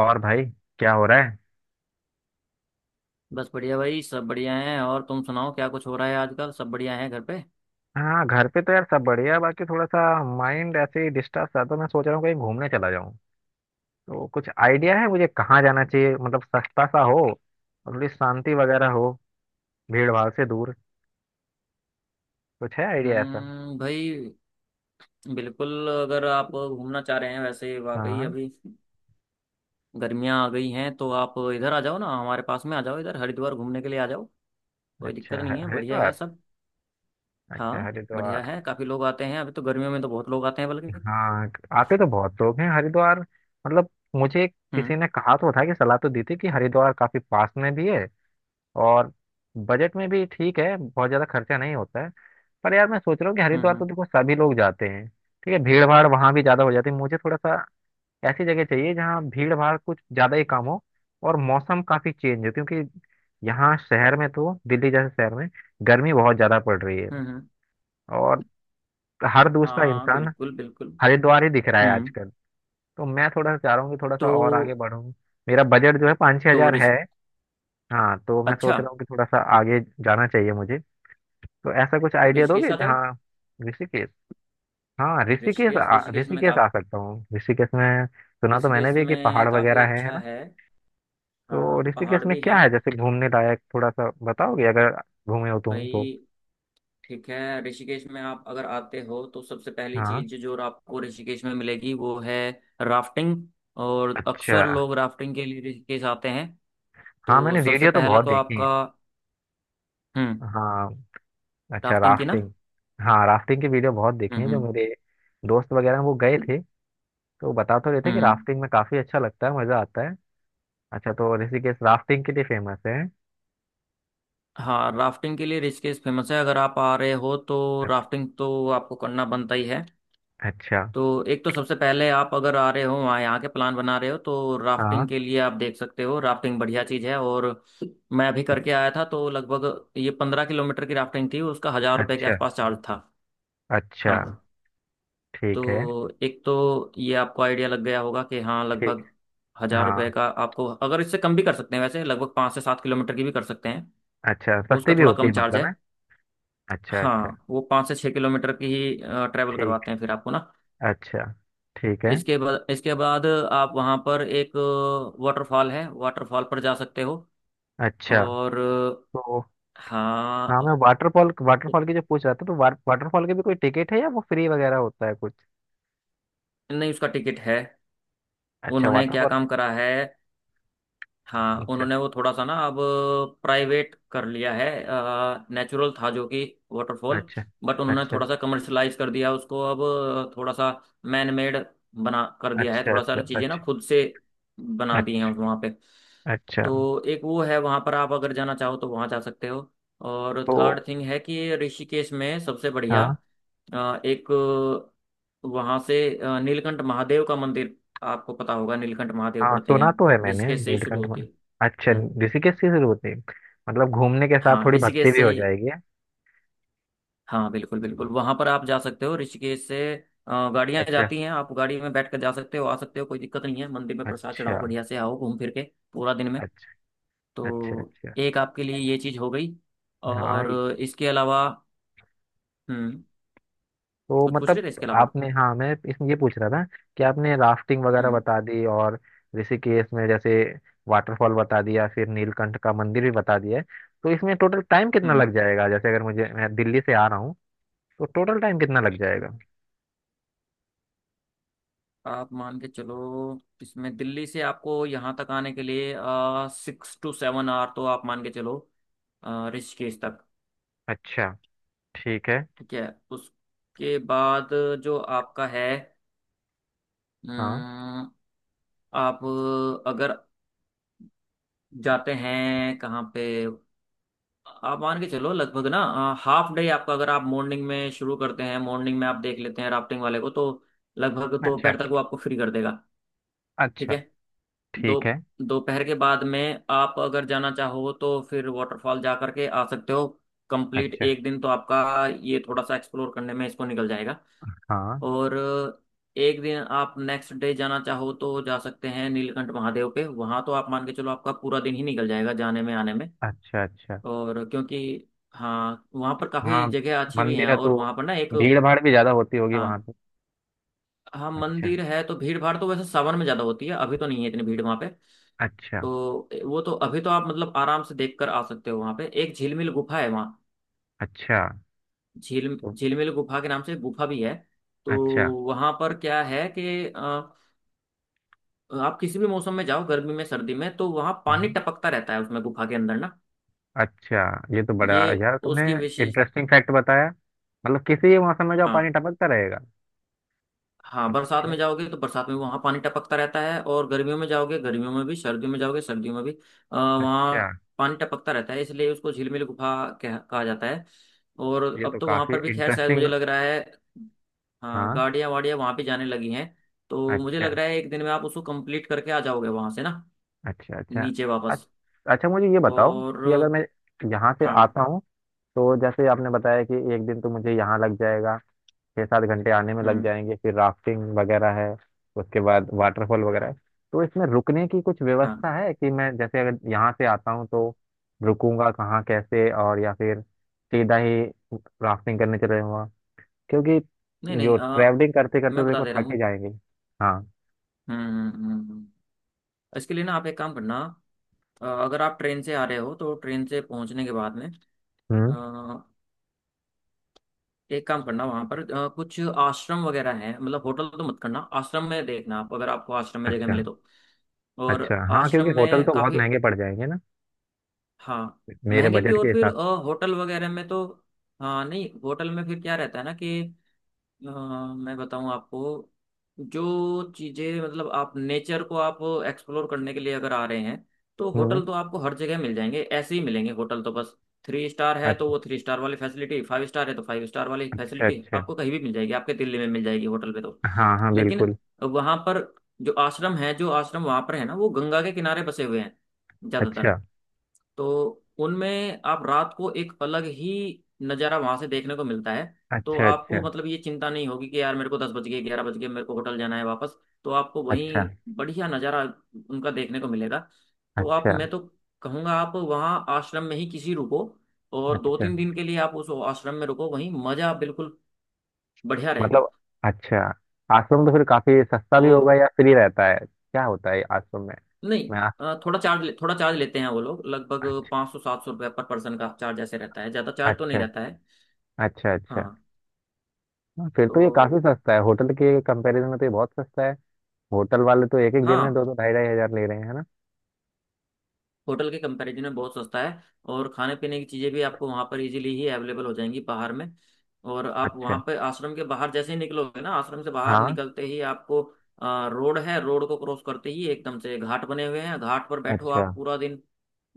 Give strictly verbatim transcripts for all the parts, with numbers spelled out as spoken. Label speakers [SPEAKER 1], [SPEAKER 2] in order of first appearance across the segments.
[SPEAKER 1] और भाई, क्या हो रहा है।
[SPEAKER 2] बस बढ़िया भाई, सब बढ़िया हैं। और तुम सुनाओ, क्या कुछ हो रहा है आजकल? सब बढ़िया है घर पे।
[SPEAKER 1] हाँ, घर पे तो यार सब बढ़िया है, बाकी थोड़ा सा माइंड ऐसे ही डिस्टर्ब था तो मैं सोच रहा हूँ कहीं घूमने चला जाऊँ। तो कुछ आइडिया है मुझे कहाँ जाना चाहिए? मतलब सस्ता सा हो और थोड़ी शांति वगैरह हो, भीड़ भाड़ से दूर। कुछ है आइडिया ऐसा?
[SPEAKER 2] हम्म, भाई बिल्कुल। अगर आप घूमना चाह रहे हैं, वैसे वाकई
[SPEAKER 1] हाँ।
[SPEAKER 2] अभी गर्मियां आ गई हैं, तो आप इधर आ जाओ ना, हमारे पास में आ जाओ इधर, हरिद्वार घूमने के लिए आ जाओ। कोई
[SPEAKER 1] अच्छा,
[SPEAKER 2] दिक्कत
[SPEAKER 1] ह-
[SPEAKER 2] नहीं है, बढ़िया है
[SPEAKER 1] हरिद्वार।
[SPEAKER 2] सब।
[SPEAKER 1] अच्छा
[SPEAKER 2] हाँ बढ़िया
[SPEAKER 1] हरिद्वार।
[SPEAKER 2] है, काफी लोग आते हैं। अभी तो गर्मियों में तो बहुत लोग आते हैं बल्कि।
[SPEAKER 1] हाँ, आते तो बहुत लोग हैं हरिद्वार। मतलब मुझे किसी
[SPEAKER 2] हम्म,
[SPEAKER 1] ने कहा तो था, कि सलाह तो दी थी कि हरिद्वार काफी पास में भी है और बजट में भी ठीक है, बहुत ज्यादा खर्चा नहीं होता है। पर यार मैं सोच रहा हूँ कि
[SPEAKER 2] हम्म,
[SPEAKER 1] हरिद्वार तो
[SPEAKER 2] हम्म,
[SPEAKER 1] देखो सभी लोग जाते हैं, ठीक है भीड़ भाड़ वहां भी ज्यादा हो जाती है। मुझे थोड़ा सा ऐसी जगह चाहिए जहाँ भीड़ भाड़ कुछ ज्यादा ही कम हो और मौसम काफी चेंज हो, क्योंकि यहाँ शहर में तो, दिल्ली जैसे शहर में गर्मी बहुत ज्यादा पड़ रही है।
[SPEAKER 2] हम्म, हम्म।
[SPEAKER 1] और हर दूसरा
[SPEAKER 2] हाँ
[SPEAKER 1] इंसान
[SPEAKER 2] बिल्कुल बिल्कुल।
[SPEAKER 1] हरिद्वार ही दिख रहा है
[SPEAKER 2] हम्म।
[SPEAKER 1] आजकल। तो मैं थोड़ा सा चाह रहा हूँ कि थोड़ा सा और आगे
[SPEAKER 2] तो।
[SPEAKER 1] बढूं। मेरा बजट जो है पाँच छह
[SPEAKER 2] तो
[SPEAKER 1] हजार है।
[SPEAKER 2] ऋषि
[SPEAKER 1] हाँ, तो मैं सोच
[SPEAKER 2] अच्छा,
[SPEAKER 1] रहा हूँ कि थोड़ा सा आगे जाना चाहिए मुझे। तो ऐसा कुछ
[SPEAKER 2] तो
[SPEAKER 1] आइडिया
[SPEAKER 2] ऋषिकेश
[SPEAKER 1] दोगे
[SPEAKER 2] आ जाओ।
[SPEAKER 1] जहाँ। ऋषिकेश। हाँ ऋषिकेश,
[SPEAKER 2] ऋषिकेश।
[SPEAKER 1] आ,
[SPEAKER 2] ऋषिकेश में
[SPEAKER 1] ऋषिकेश आ
[SPEAKER 2] काफी
[SPEAKER 1] सकता हूँ। ऋषिकेश में सुना तो मैंने
[SPEAKER 2] ऋषिकेश
[SPEAKER 1] भी कि पहाड़
[SPEAKER 2] में काफी
[SPEAKER 1] वगैरह है है
[SPEAKER 2] अच्छा
[SPEAKER 1] ना।
[SPEAKER 2] है।
[SPEAKER 1] तो
[SPEAKER 2] हाँ
[SPEAKER 1] ऋषिकेश
[SPEAKER 2] पहाड़
[SPEAKER 1] में
[SPEAKER 2] भी
[SPEAKER 1] क्या
[SPEAKER 2] हैं।
[SPEAKER 1] है जैसे घूमने लायक, थोड़ा सा बताओगे अगर घूमे हो तुम
[SPEAKER 2] भाई
[SPEAKER 1] तो।
[SPEAKER 2] ठीक है, ऋषिकेश में आप अगर आते हो तो सबसे पहली
[SPEAKER 1] हाँ।
[SPEAKER 2] चीज जो आपको ऋषिकेश में मिलेगी वो है राफ्टिंग। और
[SPEAKER 1] अच्छा।
[SPEAKER 2] अक्सर लोग राफ्टिंग के लिए ऋषिकेश आते हैं।
[SPEAKER 1] हाँ
[SPEAKER 2] तो
[SPEAKER 1] मैंने
[SPEAKER 2] सबसे
[SPEAKER 1] वीडियो तो
[SPEAKER 2] पहला
[SPEAKER 1] बहुत
[SPEAKER 2] तो
[SPEAKER 1] देखी है।
[SPEAKER 2] आपका। हम्म,
[SPEAKER 1] हाँ। अच्छा,
[SPEAKER 2] राफ्टिंग की ना।
[SPEAKER 1] राफ्टिंग। हाँ, राफ्टिंग की वीडियो बहुत देखी
[SPEAKER 2] हम्म,
[SPEAKER 1] है। जो
[SPEAKER 2] हम्म,
[SPEAKER 1] मेरे दोस्त वगैरह हैं, वो गए थे, तो बता तो रहे थे कि
[SPEAKER 2] हम्म।
[SPEAKER 1] राफ्टिंग में काफी अच्छा लगता है, मजा आता है। अच्छा, तो ऋषिकेश राफ्टिंग के लिए फेमस है।
[SPEAKER 2] हाँ, राफ्टिंग के लिए ऋषिकेश फेमस है। अगर आप आ रहे हो तो राफ्टिंग तो आपको करना बनता ही है।
[SPEAKER 1] अच्छा।
[SPEAKER 2] तो एक तो सबसे पहले, आप अगर आ रहे हो वहाँ, यहाँ के प्लान बना रहे हो, तो राफ्टिंग
[SPEAKER 1] हाँ।
[SPEAKER 2] के लिए आप देख सकते हो। राफ्टिंग बढ़िया चीज़ है। और मैं अभी करके
[SPEAKER 1] अच्छा,
[SPEAKER 2] आया था, तो लगभग ये पंद्रह किलोमीटर की राफ्टिंग थी। उसका हजार रुपये के
[SPEAKER 1] अच्छा,
[SPEAKER 2] आसपास चार्ज था।
[SPEAKER 1] अच्छा।
[SPEAKER 2] हाँ,
[SPEAKER 1] ठीक है।
[SPEAKER 2] तो एक तो ये आपको आइडिया लग गया होगा कि हाँ,
[SPEAKER 1] ठीक।
[SPEAKER 2] लगभग हजार रुपये
[SPEAKER 1] हाँ।
[SPEAKER 2] का। आपको अगर इससे कम भी कर सकते हैं वैसे, लगभग पाँच से सात किलोमीटर की भी कर सकते हैं।
[SPEAKER 1] अच्छा, सस्ती
[SPEAKER 2] उसका
[SPEAKER 1] भी
[SPEAKER 2] थोड़ा
[SPEAKER 1] होती
[SPEAKER 2] कम
[SPEAKER 1] है
[SPEAKER 2] चार्ज
[SPEAKER 1] मतलब
[SPEAKER 2] है।
[SPEAKER 1] है। अच्छा, अच्छा।
[SPEAKER 2] हाँ, वो पाँच से छः किलोमीटर की ही ट्रैवल
[SPEAKER 1] ठीक।
[SPEAKER 2] करवाते हैं फिर आपको ना।
[SPEAKER 1] अच्छा। ठीक है।
[SPEAKER 2] इसके बाद इसके बाद आप वहाँ पर एक वाटरफॉल है, वाटरफॉल पर जा सकते हो।
[SPEAKER 1] अच्छा।
[SPEAKER 2] और
[SPEAKER 1] तो। हाँ,
[SPEAKER 2] हाँ,
[SPEAKER 1] मैं वाटरफॉल, वाटरफॉल की जो पूछ रहा था, तो वाट, वाटरफॉल के भी कोई टिकट है या वो फ्री वगैरह होता है कुछ?
[SPEAKER 2] नहीं उसका टिकट है।
[SPEAKER 1] अच्छा,
[SPEAKER 2] उन्होंने क्या
[SPEAKER 1] वाटरफॉल।
[SPEAKER 2] काम करा है, हाँ
[SPEAKER 1] अच्छा
[SPEAKER 2] उन्होंने वो थोड़ा सा ना, अब प्राइवेट कर लिया है। नेचुरल था जो कि वाटरफॉल,
[SPEAKER 1] अच्छा।
[SPEAKER 2] बट उन्होंने
[SPEAKER 1] अच्छा,
[SPEAKER 2] थोड़ा सा कमर्शलाइज कर दिया उसको अब। थोड़ा सा मैन मेड बना कर दिया है,
[SPEAKER 1] अच्छा।
[SPEAKER 2] थोड़ा
[SPEAKER 1] अच्छा।
[SPEAKER 2] सा चीज़ें ना
[SPEAKER 1] अच्छा।
[SPEAKER 2] खुद से बना दी हैं
[SPEAKER 1] अच्छा,
[SPEAKER 2] वहाँ पे।
[SPEAKER 1] अच्छा।
[SPEAKER 2] तो एक वो है, वहां पर आप अगर जाना चाहो तो वहां जा सकते हो। और
[SPEAKER 1] तो।
[SPEAKER 2] थर्ड थिंग है कि ये ऋषिकेश में सबसे बढ़िया,
[SPEAKER 1] हाँ।
[SPEAKER 2] अ, एक, वहां से अ, नीलकंठ महादेव का मंदिर। आपको पता होगा नीलकंठ महादेव
[SPEAKER 1] हाँ,
[SPEAKER 2] पढ़ते हैं,
[SPEAKER 1] सुना तो है मैंने,
[SPEAKER 2] ऋषिकेश से ही शुरू
[SPEAKER 1] नीलकंठ
[SPEAKER 2] होती
[SPEAKER 1] में।
[SPEAKER 2] है।
[SPEAKER 1] अच्छा,
[SPEAKER 2] हम्म।
[SPEAKER 1] ऋषिकेश की शुरू होती है। मतलब घूमने के साथ
[SPEAKER 2] हाँ
[SPEAKER 1] थोड़ी भक्ति
[SPEAKER 2] ऋषिकेश
[SPEAKER 1] भी
[SPEAKER 2] से
[SPEAKER 1] हो
[SPEAKER 2] ही।
[SPEAKER 1] जाएगी।
[SPEAKER 2] हाँ बिल्कुल बिल्कुल, वहां पर आप जा सकते हो। ऋषिकेश से गाड़ियां
[SPEAKER 1] अच्छा।
[SPEAKER 2] जाती हैं, आप गाड़ी में बैठ कर जा सकते हो, आ सकते हो, कोई दिक्कत नहीं है। मंदिर में प्रसाद
[SPEAKER 1] अच्छा,
[SPEAKER 2] चढ़ाओ, बढ़िया से आओ घूम फिर के पूरा दिन में।
[SPEAKER 1] अच्छा। अच्छा।
[SPEAKER 2] तो
[SPEAKER 1] अच्छा।
[SPEAKER 2] एक आपके लिए ये चीज हो गई।
[SPEAKER 1] हाँ।
[SPEAKER 2] और इसके अलावा, हम्म,
[SPEAKER 1] तो
[SPEAKER 2] कुछ पूछ
[SPEAKER 1] मतलब
[SPEAKER 2] रहे थे इसके अलावा।
[SPEAKER 1] आपने। हाँ, मैं इसमें ये पूछ रहा था कि आपने राफ्टिंग वगैरह
[SPEAKER 2] हम्म,
[SPEAKER 1] बता दी, और ऋषिकेश में जैसे वाटरफॉल बता दिया, फिर नीलकंठ का मंदिर भी बता दिया है। तो इसमें टोटल टाइम कितना
[SPEAKER 2] हम्म,
[SPEAKER 1] लग जाएगा? जैसे अगर मुझे, मैं दिल्ली से आ रहा हूँ, तो टोटल टाइम कितना लग
[SPEAKER 2] हम्म।
[SPEAKER 1] जाएगा?
[SPEAKER 2] आप मान के चलो, इसमें दिल्ली से आपको यहाँ तक आने के लिए सिक्स टू सेवन आवर तो आप मान के चलो, अ, ऋषिकेश तक।
[SPEAKER 1] अच्छा। ठीक है।
[SPEAKER 2] ठीक है, उसके बाद जो आपका है,
[SPEAKER 1] हाँ।
[SPEAKER 2] अम, आप अगर जाते हैं कहाँ पे, आप मान के चलो लगभग ना, हाफ डे आपका। अगर आप मॉर्निंग में शुरू करते हैं, मॉर्निंग में आप देख लेते हैं राफ्टिंग वाले को, तो लगभग
[SPEAKER 1] अच्छा,
[SPEAKER 2] दोपहर तक वो आपको फ्री कर देगा। ठीक
[SPEAKER 1] अच्छा।
[SPEAKER 2] है, दो
[SPEAKER 1] ठीक है।
[SPEAKER 2] दोपहर के बाद में आप अगर जाना चाहो तो फिर वाटरफॉल जा करके आ सकते हो। कंप्लीट
[SPEAKER 1] अच्छा।
[SPEAKER 2] एक दिन तो आपका ये थोड़ा सा एक्सप्लोर करने में इसको निकल जाएगा।
[SPEAKER 1] हाँ।
[SPEAKER 2] और एक दिन आप नेक्स्ट डे जाना चाहो तो जा सकते हैं नीलकंठ महादेव पे, वहां तो आप मान के चलो आपका पूरा दिन ही निकल जाएगा जाने में आने में।
[SPEAKER 1] अच्छा, अच्छा।
[SPEAKER 2] और क्योंकि हाँ वहाँ पर
[SPEAKER 1] हाँ
[SPEAKER 2] काफी जगह अच्छी भी हैं।
[SPEAKER 1] मंदिर है,
[SPEAKER 2] और
[SPEAKER 1] तो
[SPEAKER 2] वहाँ पर ना एक,
[SPEAKER 1] भीड़ भाड़ भी ज्यादा होती होगी वहां
[SPEAKER 2] हाँ
[SPEAKER 1] पे।
[SPEAKER 2] हाँ
[SPEAKER 1] अच्छा,
[SPEAKER 2] मंदिर है तो भीड़ भाड़ तो वैसे सावन में ज्यादा होती है, अभी तो नहीं है इतनी भीड़ वहाँ पे।
[SPEAKER 1] अच्छा।
[SPEAKER 2] तो वो तो अभी तो आप मतलब आराम से देख कर आ सकते हो। वहाँ पे एक झिलमिल गुफा है, वहाँ
[SPEAKER 1] अच्छा।
[SPEAKER 2] झील
[SPEAKER 1] तो।
[SPEAKER 2] झिलमिल गुफा के नाम से एक गुफा भी है। तो
[SPEAKER 1] अच्छा।
[SPEAKER 2] वहाँ पर क्या है कि अ, आप किसी भी मौसम में जाओ, गर्मी में सर्दी में, तो वहाँ पानी
[SPEAKER 1] हाँ।
[SPEAKER 2] टपकता रहता है उसमें गुफा के अंदर ना।
[SPEAKER 1] अच्छा, ये तो बड़ा,
[SPEAKER 2] ये
[SPEAKER 1] यार तुमने
[SPEAKER 2] उसकी विशेष।
[SPEAKER 1] इंटरेस्टिंग फैक्ट बताया। मतलब किसी भी मौसम में जो पानी
[SPEAKER 2] हाँ।
[SPEAKER 1] टपकता रहेगा।
[SPEAKER 2] हाँ, बरसात
[SPEAKER 1] अच्छा,
[SPEAKER 2] में जाओगे तो बरसात में वहाँ पानी टपकता रहता है, और गर्मियों में जाओगे गर्मियों में भी, सर्दियों में जाओगे सर्दियों में भी अ,
[SPEAKER 1] अच्छा।
[SPEAKER 2] वहाँ पानी टपकता रहता है, इसलिए उसको झिलमिल गुफा कह, कहा जाता है। और
[SPEAKER 1] ये
[SPEAKER 2] अब
[SPEAKER 1] तो
[SPEAKER 2] तो वहाँ
[SPEAKER 1] काफी
[SPEAKER 2] पर भी खैर शायद
[SPEAKER 1] इंटरेस्टिंग।
[SPEAKER 2] मुझे लग रहा है, हाँ
[SPEAKER 1] हाँ।
[SPEAKER 2] गाड़ियाँ वाड़ियाँ वहाँ भी जाने लगी हैं। तो मुझे
[SPEAKER 1] अच्छा,
[SPEAKER 2] लग रहा है एक दिन में आप उसको कंप्लीट करके आ जाओगे वहाँ से ना,
[SPEAKER 1] अच्छा, अच्छा।
[SPEAKER 2] नीचे
[SPEAKER 1] अच-
[SPEAKER 2] वापस।
[SPEAKER 1] अच्छा मुझे ये बताओ
[SPEAKER 2] और
[SPEAKER 1] कि अगर मैं यहाँ से
[SPEAKER 2] हाँ।
[SPEAKER 1] आता हूँ, तो जैसे आपने बताया कि एक दिन तो मुझे यहाँ लग जाएगा, छः सात घंटे आने में लग
[SPEAKER 2] हम्म।
[SPEAKER 1] जाएंगे, फिर राफ्टिंग वगैरह है, उसके बाद वाटरफॉल वगैरह है। तो इसमें रुकने की कुछ
[SPEAKER 2] हाँ।
[SPEAKER 1] व्यवस्था है? कि मैं जैसे अगर यहाँ से आता हूँ तो रुकूंगा कहाँ कैसे, और या फिर सीधा ही राफ्टिंग करने चले जाऊँगा, क्योंकि
[SPEAKER 2] नहीं नहीं,
[SPEAKER 1] जो
[SPEAKER 2] अ,
[SPEAKER 1] ट्रैवलिंग करते करते
[SPEAKER 2] मैं
[SPEAKER 1] तो
[SPEAKER 2] बता
[SPEAKER 1] देखो
[SPEAKER 2] दे रहा
[SPEAKER 1] थके
[SPEAKER 2] हूँ।
[SPEAKER 1] जाएंगे। हाँ।
[SPEAKER 2] हम्म, हम्म, हम्म, हम्म। हम्म। इसके लिए ना आप एक काम करना, अ, अगर आप ट्रेन से आ रहे हो तो ट्रेन से पहुंचने के बाद में अ,
[SPEAKER 1] हम्म।
[SPEAKER 2] एक काम करना, वहां पर अ, कुछ आश्रम वगैरह हैं, मतलब होटल तो मत करना, आश्रम में देखना, आप अगर आपको आश्रम में जगह
[SPEAKER 1] अच्छा,
[SPEAKER 2] मिले तो। और
[SPEAKER 1] अच्छा। हाँ,
[SPEAKER 2] आश्रम
[SPEAKER 1] क्योंकि होटल
[SPEAKER 2] में
[SPEAKER 1] तो बहुत
[SPEAKER 2] काफी,
[SPEAKER 1] महंगे पड़ जाएंगे ना,
[SPEAKER 2] हाँ
[SPEAKER 1] मेरे
[SPEAKER 2] महंगे भी,
[SPEAKER 1] बजट के
[SPEAKER 2] और फिर अ,
[SPEAKER 1] हिसाब
[SPEAKER 2] होटल वगैरह में तो, हाँ नहीं होटल में फिर क्या रहता है ना कि, अ, मैं बताऊं आपको। जो चीज़ें मतलब आप नेचर को आप एक्सप्लोर करने के लिए अगर आ रहे हैं, तो
[SPEAKER 1] से। हम्म।
[SPEAKER 2] होटल तो आपको हर जगह मिल जाएंगे, ऐसे ही मिलेंगे होटल तो बस। थ्री स्टार है तो
[SPEAKER 1] अच्छा,
[SPEAKER 2] वो थ्री स्टार वाली फैसिलिटी, फाइव स्टार है तो फाइव स्टार वाली
[SPEAKER 1] अच्छा।
[SPEAKER 2] फैसिलिटी,
[SPEAKER 1] अच्छा।
[SPEAKER 2] आपको कहीं भी मिल जाएगी, आपके दिल्ली में मिल जाएगी होटल पे तो।
[SPEAKER 1] हाँ, हाँ,
[SPEAKER 2] लेकिन
[SPEAKER 1] बिल्कुल।
[SPEAKER 2] वहां पर जो आश्रम है जो आश्रम वहां पर है ना, वो गंगा के किनारे बसे हुए हैं ज्यादातर।
[SPEAKER 1] अच्छा।
[SPEAKER 2] तो उनमें आप रात को एक अलग ही नज़ारा वहां से देखने को मिलता है। तो
[SPEAKER 1] अच्छा, अच्छा।
[SPEAKER 2] आपको मतलब ये चिंता नहीं होगी कि यार मेरे को दस बज गए, ग्यारह बज गए, मेरे को होटल जाना है वापस। तो आपको
[SPEAKER 1] अच्छा।
[SPEAKER 2] वहीं बढ़िया नज़ारा उनका देखने को मिलेगा। तो आप
[SPEAKER 1] अच्छा।
[SPEAKER 2] मैं तो कहूँगा आप वहाँ आश्रम में ही किसी रुको, और दो
[SPEAKER 1] अच्छा।
[SPEAKER 2] तीन दिन के लिए आप उस आश्रम में रुको, वहीं मज़ा बिल्कुल बढ़िया रहेगा।
[SPEAKER 1] मतलब, अच्छा, आश्रम तो फिर काफी सस्ता भी होगा
[SPEAKER 2] और
[SPEAKER 1] या फ्री रहता है, क्या होता है आश्रम में?
[SPEAKER 2] नहीं,
[SPEAKER 1] मैं आ,
[SPEAKER 2] अ, थोड़ा चार्ज थोड़ा चार्ज लेते हैं वो लोग, लगभग
[SPEAKER 1] अच्छा,
[SPEAKER 2] पाँच सौ सात सौ रुपये पर पर्सन का चार्ज ऐसे रहता है, ज़्यादा चार्ज तो नहीं
[SPEAKER 1] अच्छा,
[SPEAKER 2] रहता है।
[SPEAKER 1] अच्छा। अच्छा।
[SPEAKER 2] हाँ।
[SPEAKER 1] हाँ, फिर तो
[SPEAKER 2] तो
[SPEAKER 1] ये काफी सस्ता है, होटल के कंपैरिजन में तो ये बहुत सस्ता है। होटल वाले तो एक एक दिन में
[SPEAKER 2] हाँ,
[SPEAKER 1] दो दो ढाई ढाई हजार ले रहे हैं, है ना।
[SPEAKER 2] होटल के कंपैरिजन में बहुत सस्ता है। और खाने पीने की चीज़ें भी आपको वहाँ पर इजीली ही अवेलेबल हो जाएंगी बाहर में। और आप वहाँ
[SPEAKER 1] अच्छा।
[SPEAKER 2] पर आश्रम के बाहर जैसे ही निकलोगे ना, आश्रम से बाहर
[SPEAKER 1] हाँ।
[SPEAKER 2] निकलते ही आपको आ, रोड है, रोड को क्रॉस करते ही एकदम से घाट बने हुए हैं। घाट पर बैठो
[SPEAKER 1] अच्छा,
[SPEAKER 2] आप पूरा दिन,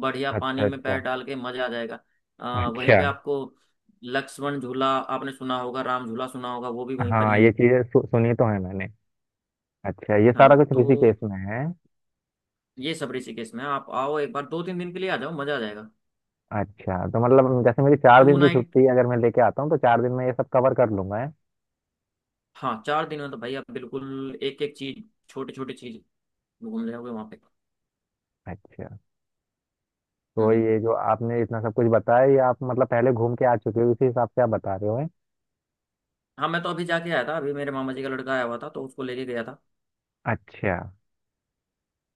[SPEAKER 2] बढ़िया
[SPEAKER 1] अच्छा।
[SPEAKER 2] पानी में पैर
[SPEAKER 1] अच्छा।
[SPEAKER 2] डाल के मजा आ जाएगा। आ, वहीं
[SPEAKER 1] अच्छा।
[SPEAKER 2] पे आपको लक्ष्मण झूला आपने सुना होगा, राम झूला सुना होगा, वो भी वहीं पर
[SPEAKER 1] हाँ,
[SPEAKER 2] ही
[SPEAKER 1] ये
[SPEAKER 2] है।
[SPEAKER 1] चीजें सु, सुनी तो है मैंने। अच्छा, ये सारा
[SPEAKER 2] हाँ
[SPEAKER 1] कुछ
[SPEAKER 2] तो
[SPEAKER 1] ऋषिकेश में है।
[SPEAKER 2] ये सब ऋषिकेश में है। आप आओ एक बार, दो तीन दिन के लिए आ जाओ, मजा आ जाएगा।
[SPEAKER 1] अच्छा, तो मतलब जैसे मेरी चार
[SPEAKER 2] टू
[SPEAKER 1] दिन की
[SPEAKER 2] नाइट
[SPEAKER 1] छुट्टी, अगर मैं लेके आता हूँ, तो चार दिन में ये सब कवर कर लूंगा, है?
[SPEAKER 2] हाँ, चार दिन में तो भाई आप बिल्कुल एक एक चीज, छोटी छोटी चीज घूम ले होगे वहाँ पे।
[SPEAKER 1] अच्छा, तो
[SPEAKER 2] हम्म।
[SPEAKER 1] ये जो आपने इतना सब कुछ बताया, ये आप मतलब पहले घूम के आ चुके हो, इसी हिसाब से आप बता रहे हो, हैं?
[SPEAKER 2] हाँ, मैं तो अभी जाके आया था। अभी मेरे मामा जी का लड़का आया हुआ था, तो उसको लेके गया था।
[SPEAKER 1] अच्छा।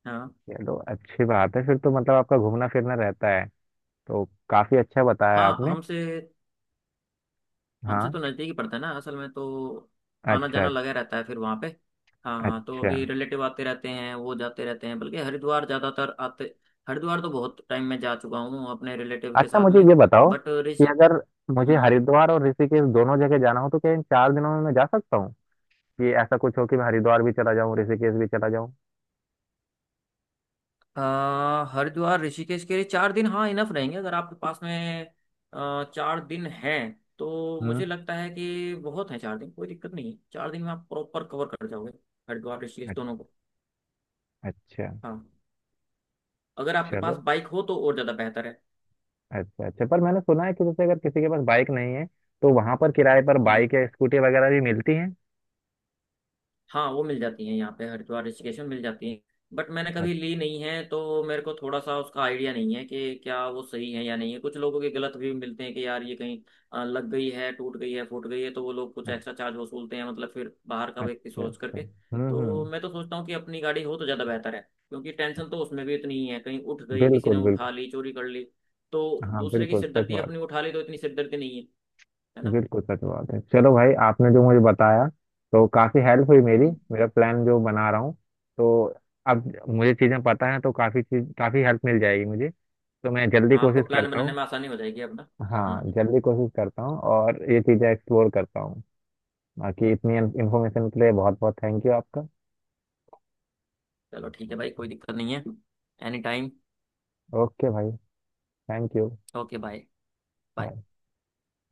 [SPEAKER 2] हाँ।
[SPEAKER 1] चलो अच्छी बात है, फिर तो मतलब आपका घूमना फिरना रहता है। तो काफी अच्छा बताया
[SPEAKER 2] हाँ,
[SPEAKER 1] आपने।
[SPEAKER 2] हमसे हमसे तो
[SPEAKER 1] हाँ।
[SPEAKER 2] नज़दीक ही पड़ता है ना असल में तो, आना
[SPEAKER 1] अच्छा।
[SPEAKER 2] जाना लगा रहता है फिर वहाँ पे। हाँ हाँ, तो
[SPEAKER 1] अच्छा।
[SPEAKER 2] अभी रिलेटिव आते रहते हैं, वो जाते रहते हैं। बल्कि हरिद्वार ज़्यादातर आते, हरिद्वार तो बहुत टाइम में जा चुका हूँ अपने रिलेटिव के
[SPEAKER 1] अच्छा
[SPEAKER 2] साथ
[SPEAKER 1] मुझे
[SPEAKER 2] में।
[SPEAKER 1] ये बताओ
[SPEAKER 2] बट
[SPEAKER 1] कि
[SPEAKER 2] ऋषि।
[SPEAKER 1] अगर मुझे
[SPEAKER 2] हम्म।
[SPEAKER 1] हरिद्वार और ऋषिकेश दोनों जगह जाना हो, तो क्या इन चार दिनों में मैं जा सकता हूँ? कि ऐसा कुछ हो कि मैं हरिद्वार भी चला जाऊँ, ऋषिकेश भी चला जाऊँ।
[SPEAKER 2] आ, हरिद्वार ऋषिकेश के लिए चार दिन, हाँ इनफ रहेंगे। अगर आपके पास में आ, चार दिन हैं, तो
[SPEAKER 1] हम्म।
[SPEAKER 2] मुझे लगता है कि बहुत है चार दिन, कोई दिक्कत नहीं है, चार दिन में आप प्रॉपर कवर कर जाओगे हरिद्वार ऋषिकेश
[SPEAKER 1] अ-
[SPEAKER 2] दोनों को।
[SPEAKER 1] अच्छा।
[SPEAKER 2] हाँ, अगर आपके पास
[SPEAKER 1] चलो।
[SPEAKER 2] बाइक हो तो और ज़्यादा बेहतर है।
[SPEAKER 1] अच्छा अच्छा, पर मैंने सुना है कि जैसे अगर किसी के पास बाइक नहीं है, तो वहां पर किराए पर
[SPEAKER 2] हम्म।
[SPEAKER 1] बाइक या स्कूटी वगैरह भी मिलती हैं।
[SPEAKER 2] हाँ, वो मिल जाती हैं यहाँ पे, हरिद्वार ऋषिकेश में मिल जाती हैं। बट मैंने कभी
[SPEAKER 1] अच्छा।
[SPEAKER 2] ली नहीं है, तो मेरे को थोड़ा सा उसका आइडिया नहीं है कि क्या वो सही है या नहीं है। कुछ लोगों के गलत भी मिलते हैं कि यार ये कहीं अ, लग गई है, टूट गई है, फूट गई है, तो वो लोग कुछ
[SPEAKER 1] अच्छा,
[SPEAKER 2] एक्स्ट्रा चार्ज वसूलते हैं, मतलब फिर बाहर का व्यक्ति
[SPEAKER 1] अच्छा।
[SPEAKER 2] सोच
[SPEAKER 1] अच्छा।
[SPEAKER 2] करके।
[SPEAKER 1] हम्म,
[SPEAKER 2] तो
[SPEAKER 1] हम्म।
[SPEAKER 2] मैं तो सोचता हूँ कि अपनी गाड़ी हो तो ज़्यादा बेहतर है। क्योंकि टेंशन तो उसमें भी इतनी ही है, कहीं उठ गई, किसी ने
[SPEAKER 1] बिल्कुल, बिल्कुल।
[SPEAKER 2] उठा ली, चोरी कर ली। तो
[SPEAKER 1] हाँ
[SPEAKER 2] दूसरे की
[SPEAKER 1] बिल्कुल सच
[SPEAKER 2] सिरदर्दी
[SPEAKER 1] बात।
[SPEAKER 2] अपनी उठा ली तो इतनी सिरदर्दी नहीं है, है ना।
[SPEAKER 1] बिल्कुल सच बात है। चलो भाई, आपने जो मुझे बताया तो काफी हेल्प हुई मेरी।
[SPEAKER 2] हम्म।
[SPEAKER 1] मेरा प्लान जो बना रहा हूँ, तो अब मुझे चीजें पता है, तो काफी चीज, काफी हेल्प मिल जाएगी मुझे। तो मैं जल्दी
[SPEAKER 2] हाँ आपको
[SPEAKER 1] कोशिश
[SPEAKER 2] प्लान
[SPEAKER 1] करता
[SPEAKER 2] बनाने
[SPEAKER 1] हूँ।
[SPEAKER 2] में आसानी हो जाएगी अपना।
[SPEAKER 1] हाँ,
[SPEAKER 2] हम्म,
[SPEAKER 1] जल्दी कोशिश करता हूँ और ये चीजें एक्सप्लोर करता हूँ। बाकी इतनी इन्फॉर्मेशन के लिए बहुत बहुत थैंक यू आपका।
[SPEAKER 2] चलो ठीक है भाई, कोई दिक्कत नहीं है। Any time.
[SPEAKER 1] ओके भाई। Thank you.
[SPEAKER 2] Okay bye. Bye.
[SPEAKER 1] Bye.